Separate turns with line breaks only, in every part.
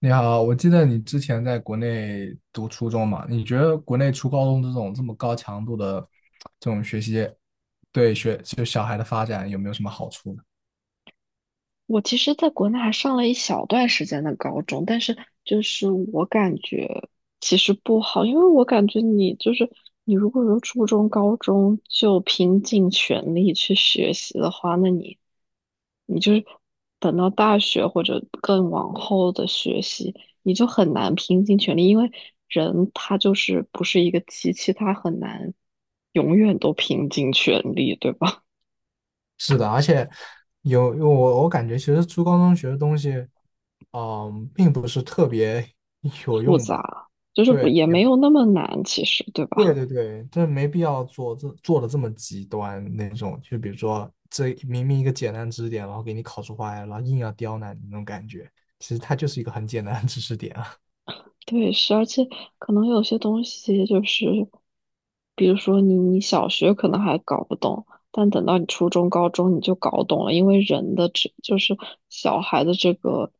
你好，我记得你之前在国内读初中嘛？你觉得国内初高中这种这么高强度的这种学习，对小孩的发展有没有什么好处呢？
我其实在国内还上了一小段时间的高中，但是就是我感觉其实不好，因为我感觉你就是你如果有初中、高中就拼尽全力去学习的话，那你就是等到大学或者更往后的学习，你就很难拼尽全力，因为人他就是不是一个机器，他很难永远都拼尽全力，对吧？
是的，而且我感觉，其实初高中学的东西，嗯，并不是特别 有
复
用吧？
杂，就是不
对，
也没有那么难，其实对
对
吧？
对对，这没必要做的这么极端那种，就比如说这明明一个简单知识点，然后给你考出花来，然后硬要刁难你那种感觉，其实它就是一个很简单的知识点啊。
对，是，而且可能有些东西就是，比如说你小学可能还搞不懂，但等到你初中、高中你就搞懂了，因为人的这就是小孩的这个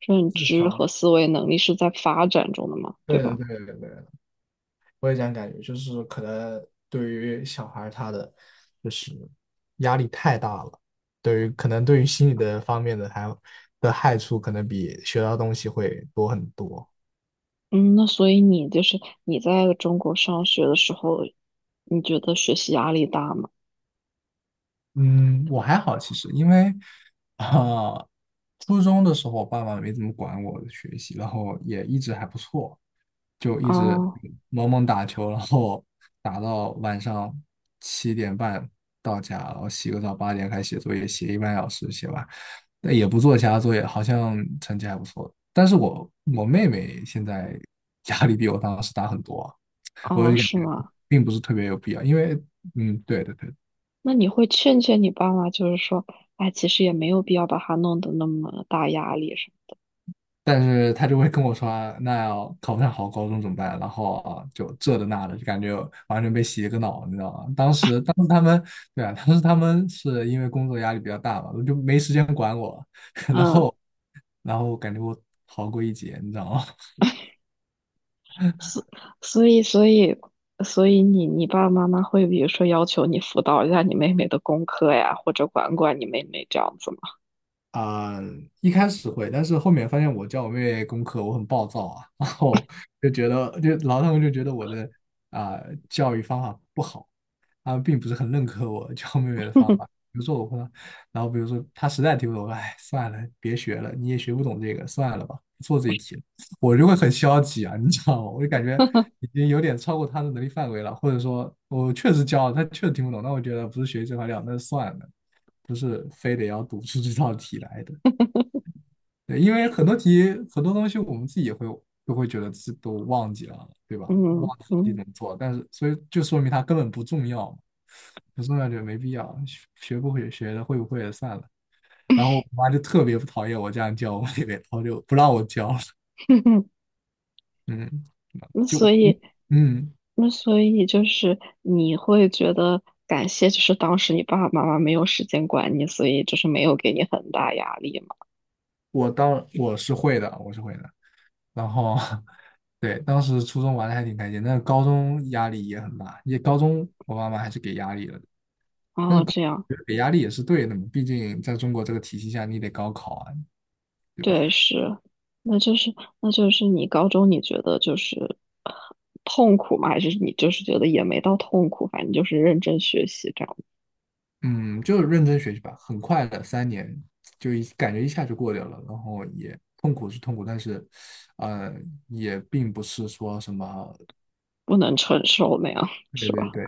认
智
知和
商，
思维能力是在发展中的嘛，对
对的，
吧？
对的，对的，我也这样感觉，就是可能对于小孩儿他的就是压力太大了，对于可能对于心理的方面的还有的害处，可能比学到东西会多很多。
嗯，那所以你就是你在中国上学的时候，你觉得学习压力大吗？
嗯，我还好其实，因为啊、初中的时候爸爸没怎么管我的学习，然后也一直还不错，就一直
哦
猛猛打球，然后打到晚上7点半到家，然后洗个澡，8点开始写作业，写一个半小时写完，但也不做其他作业，好像成绩还不错。但是我妹妹现在 压力比我当时大很多啊。我
哦，
就感
是
觉
吗？
并不是特别有必要，因为嗯，对的对的。
那你会劝劝你爸妈，就是说，哎，其实也没有必要把他弄得那么大压力，是吗？
但是他就会跟我说啊那要考不上好高中怎么办？然后啊，就这的那的，就感觉完全被洗了个脑，你知道吗？当时他们，对啊，当时他们是因为工作压力比较大嘛，就没时间管我，
嗯，
然后感觉我逃过一劫，你知道吗？
所所以所以所以你爸爸妈妈会比如说要求你辅导一下你妹妹的功课呀，或者管管你妹妹这样子吗？
啊、一开始会，但是后面发现我教我妹妹功课，我很暴躁啊，然后就觉得，然后他们就觉得我的啊、教育方法不好，他们并不是很认可我教妹妹的方法。比如说我会，然后比如说她实在听不懂，我说哎，算了，别学了，你也学不懂这个，算了吧，不做这一题了。我就会很消极啊，你知道吗？我就感觉已 经有点超过她的能力范围了，或者说我确实教，了，她确实听不懂，那我觉得不是学习这块料，那就算了。不是非得要读出这道题来的。对，因为很多题很多东西我们自己也会都会觉得自己都忘记了，对吧？
嗯
忘记自己
嗯，
怎么做，但是所以就说明它根本不重要嘛，不重要就没必要，学学不会学的会不会也算了。然后我妈就特别不讨厌我这样教我妹妹，然后就不让我教了。嗯，
那
就
所
嗯，
以
嗯，
那所以就是你会觉得感谢，就是当时你爸爸妈妈没有时间管你，所以就是没有给你很大压力嘛。
我是会的，我是会的。然后 对，当时初中玩的还挺开心，但是高中压力也很大，也高中我妈妈还是给压力了的，但是
哦，
高
这样。
我觉得给压力也是对的嘛，毕竟在中国这个体系下，你得高考啊，对吧？
对，是，那就是那就是你高中你觉得就是呃痛苦吗？还是你就是觉得也没到痛苦，反正就是认真学习这样，
嗯，就是认真学习吧，很快的3年感觉一下就过掉了，然后也痛苦是痛苦，但是呃也并不是说什么。
不能承受那样，
对
是
对
吧？
对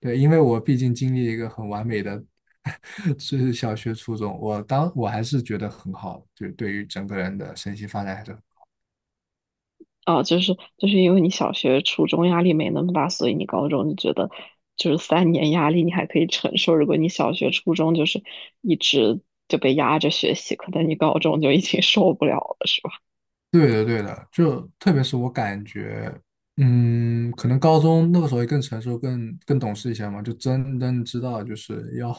对，因为我毕竟经历一个很完美的，是小学、初中，我还是觉得很好，就是对于整个人的身心发展还是
啊，就是因为你小学、初中压力没那么大，所以你高中你觉得就是3年压力你还可以承受。如果你小学、初中就是一直就被压着学习，可能你高中就已经受不了了，是吧？
对的，对的，就特别是我感觉，嗯，可能高中那个时候也更成熟、更懂事一些嘛，就真正知道就是要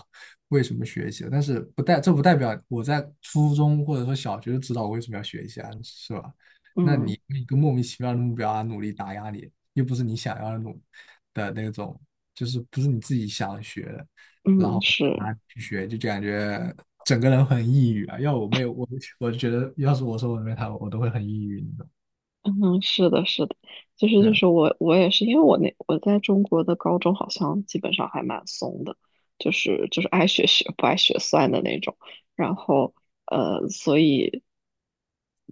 为什么学习。但是不代表我在初中或者说小学就知道我为什么要学一些啊，是吧？那你
嗯
一个莫名其妙的目标啊，努力打压你，又不是你想要的努的那种，就是不是你自己想学的，然
嗯，
后
是。
啊去学，就感觉整个人很抑郁啊。要我没有我，我就觉得要是我说我妹她，我都会很抑郁，你懂？
嗯，是的，是的，就是
对
就
啊。
是我也是，因为那我在中国的高中好像基本上还蛮松的，就是爱学学不爱学算的那种，然后所以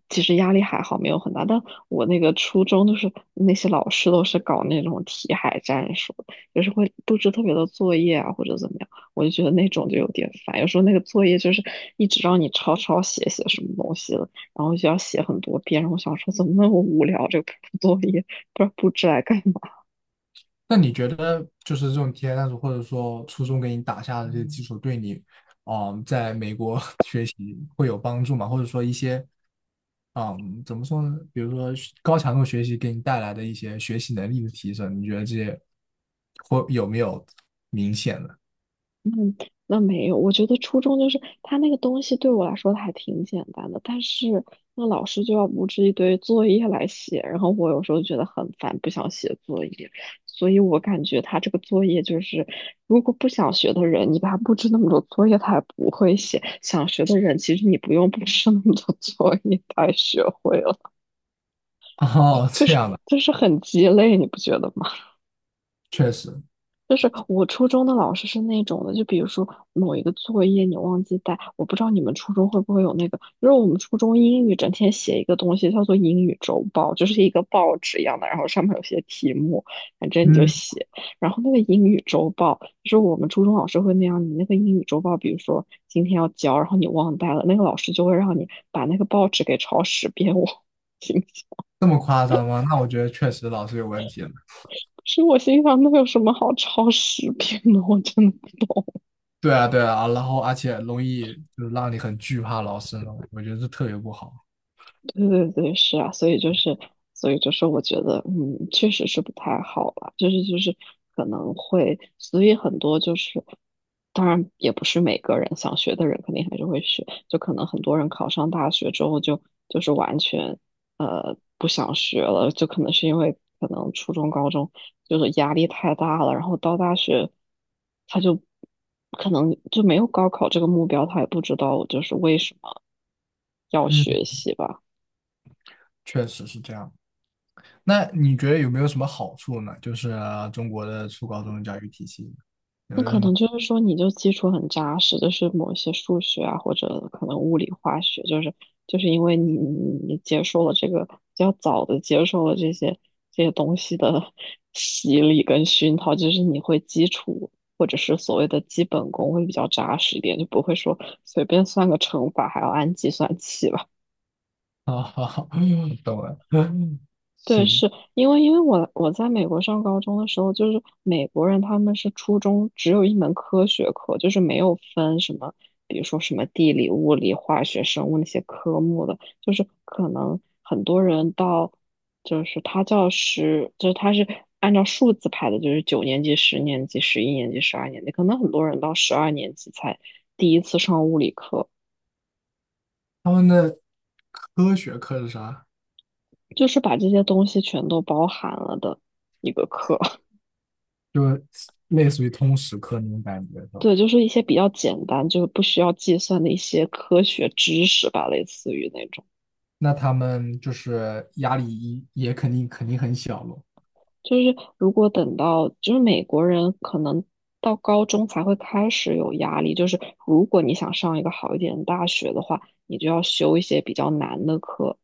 其实压力还好，没有很大。但我那个初中就是那些老师都是搞那种题海战术，就是会布置特别多作业啊或者怎么样，我就觉得那种就有点烦。有时候那个作业就是一直让你抄抄写写什么东西的。然后就要写很多遍。然后我想说，怎么那么无聊？这个布作业不知道布置来干嘛？
那你觉得就是这种体验探索，或者说初中给你打下的这些基础，对你，嗯，在美国 学习会有帮助吗？或者说一些，嗯，怎么说呢？比如说学高强度学习给你带来的一些学习能力的提升，你觉得这些会有没有明显的？
嗯，那没有。我觉得初中就是他那个东西对我来说还挺简单的，但是那老师就要布置一堆作业来写，然后我有时候觉得很烦，不想写作业。所以我感觉他这个作业就是，如果不想学的人，你把他布置那么多作业，他也不会写；想学的人，其实你不用布置那么多作业，他也学会了。
哦，
就
这
是
样的，
就是很鸡肋，你不觉得吗？
确实。
就是我初中的老师是那种的，就比如说某一个作业你忘记带，我不知道你们初中会不会有那个，就是我们初中英语整天写一个东西叫做英语周报，就是一个报纸一样的，然后上面有些题目，反正你就
嗯，
写。然后那个英语周报，就是我们初中老师会那样，你那个英语周报，比如说今天要交，然后你忘带了，那个老师就会让你把那个报纸给抄十遍。我 心想，
这么夸张吗？那我觉得确实老师有问题了。
是我心想，那有什么好抄十遍的？我真的
对啊，对啊，然后而且容易就是让你很惧怕老师呢，我觉得这特别不好。
对对对，是啊，所以就是，我觉得，确实是不太好了，就是可能会，所以很多就是，当然也不是每个人想学的人肯定还是会学，就可能很多人考上大学之后就是完全不想学了，就可能是因为可能初中高中就是压力太大了，然后到大学他就可能就没有高考这个目标，他也不知道就是为什么要
嗯，
学习吧。
确实是这样。那你觉得有没有什么好处呢？就是中国的初高中教育体系有
那
没有
可
什么？
能就是说，你就基础很扎实，就是某一些数学啊，或者可能物理、化学，就是因为你接受了这个比较早的接受了这些东西的 洗礼跟熏陶，就是你会基础或者是所谓的基本功会比较扎实一点，就不会说随便算个乘法还要按计算器吧。
好好好，懂了。
对，
行，
是因为我在美国上高中的时候，就是美国人他们是初中只有一门科学课，就是没有分什么，比如说什么地理、物理、化学、生物那些科目的，就是可能很多人到就是他教师，就是他是按照数字排的，就是9年级、10年级、11年级、十二年级，可能很多人到十二年级才第一次上物理课，
他们的科学课是啥？
就是把这些东西全都包含了的一个课。
就是类似于通识课那种感觉，是吧？
对，就是一些比较简单，就是不需要计算的一些科学知识吧，类似于那种。
那他们就是压力也肯定肯定很小咯。
就是如果等到，就是美国人可能到高中才会开始有压力，就是如果你想上一个好一点的大学的话，你就要修一些比较难的课。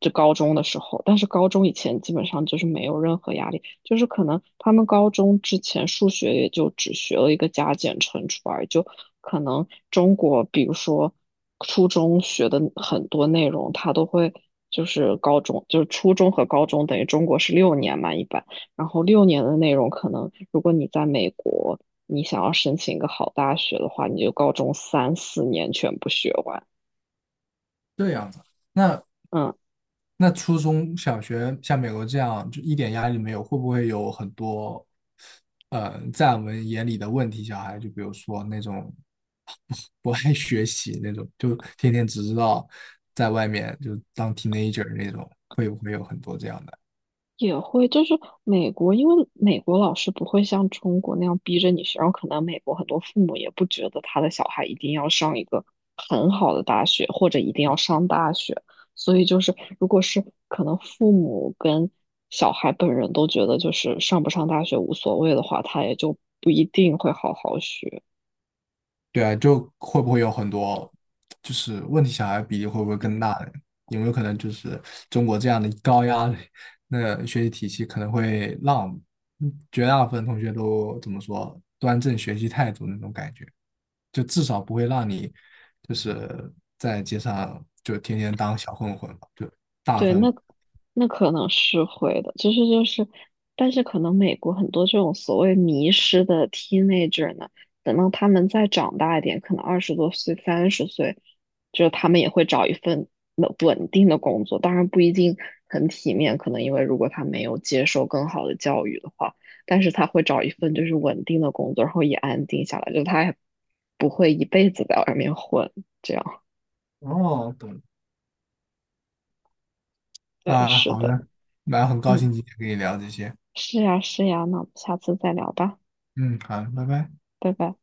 就高中的时候，但是高中以前基本上就是没有任何压力，就是可能他们高中之前数学也就只学了一个加减乘除而已，就可能中国比如说初中学的很多内容，他都会就是高中就是初中和高中等于中国是六年嘛一般，然后六年的内容可能如果你在美国。你想要申请一个好大学的话，你就高中三四年全部学完，
这样子，那
嗯。
那初中小学像美国这样就一点压力没有，会不会有很多，在我们眼里的问题小孩？就比如说那种不爱学习那种，就天天只知道在外面就当 teenager 那种，会不会有很多这样的？
也会，就是美国，因为美国老师不会像中国那样逼着你学，然后可能美国很多父母也不觉得他的小孩一定要上一个很好的大学，或者一定要上大学，所以就是如果是可能父母跟小孩本人都觉得就是上不上大学无所谓的话，他也就不一定会好好学。
对啊，就会不会有很多就是问题小孩比例会不会更大呢？有没有可能就是中国这样的高压的那学习体系可能会让嗯绝大部分同学都怎么说端正学习态度那种感觉？就至少不会让你就是在街上就天天当小混混吧，就大部
对，
分
那可能是会的，就是就是，但是可能美国很多这种所谓迷失的 teenager 呢，等到他们再长大一点，可能20多岁、30岁，就是他们也会找一份稳定的工作，当然不一定很体面，可能因为如果他没有接受更好的教育的话，但是他会找一份就是稳定的工作，然后也安定下来，就他也不会一辈子在外面混，这样，
哦，懂了。
对，
啊，
是
好
的，
的，那很高
嗯。
兴今天跟你聊这些，
是呀，是呀，那我们下次再聊吧，
嗯，好，拜拜。
拜拜。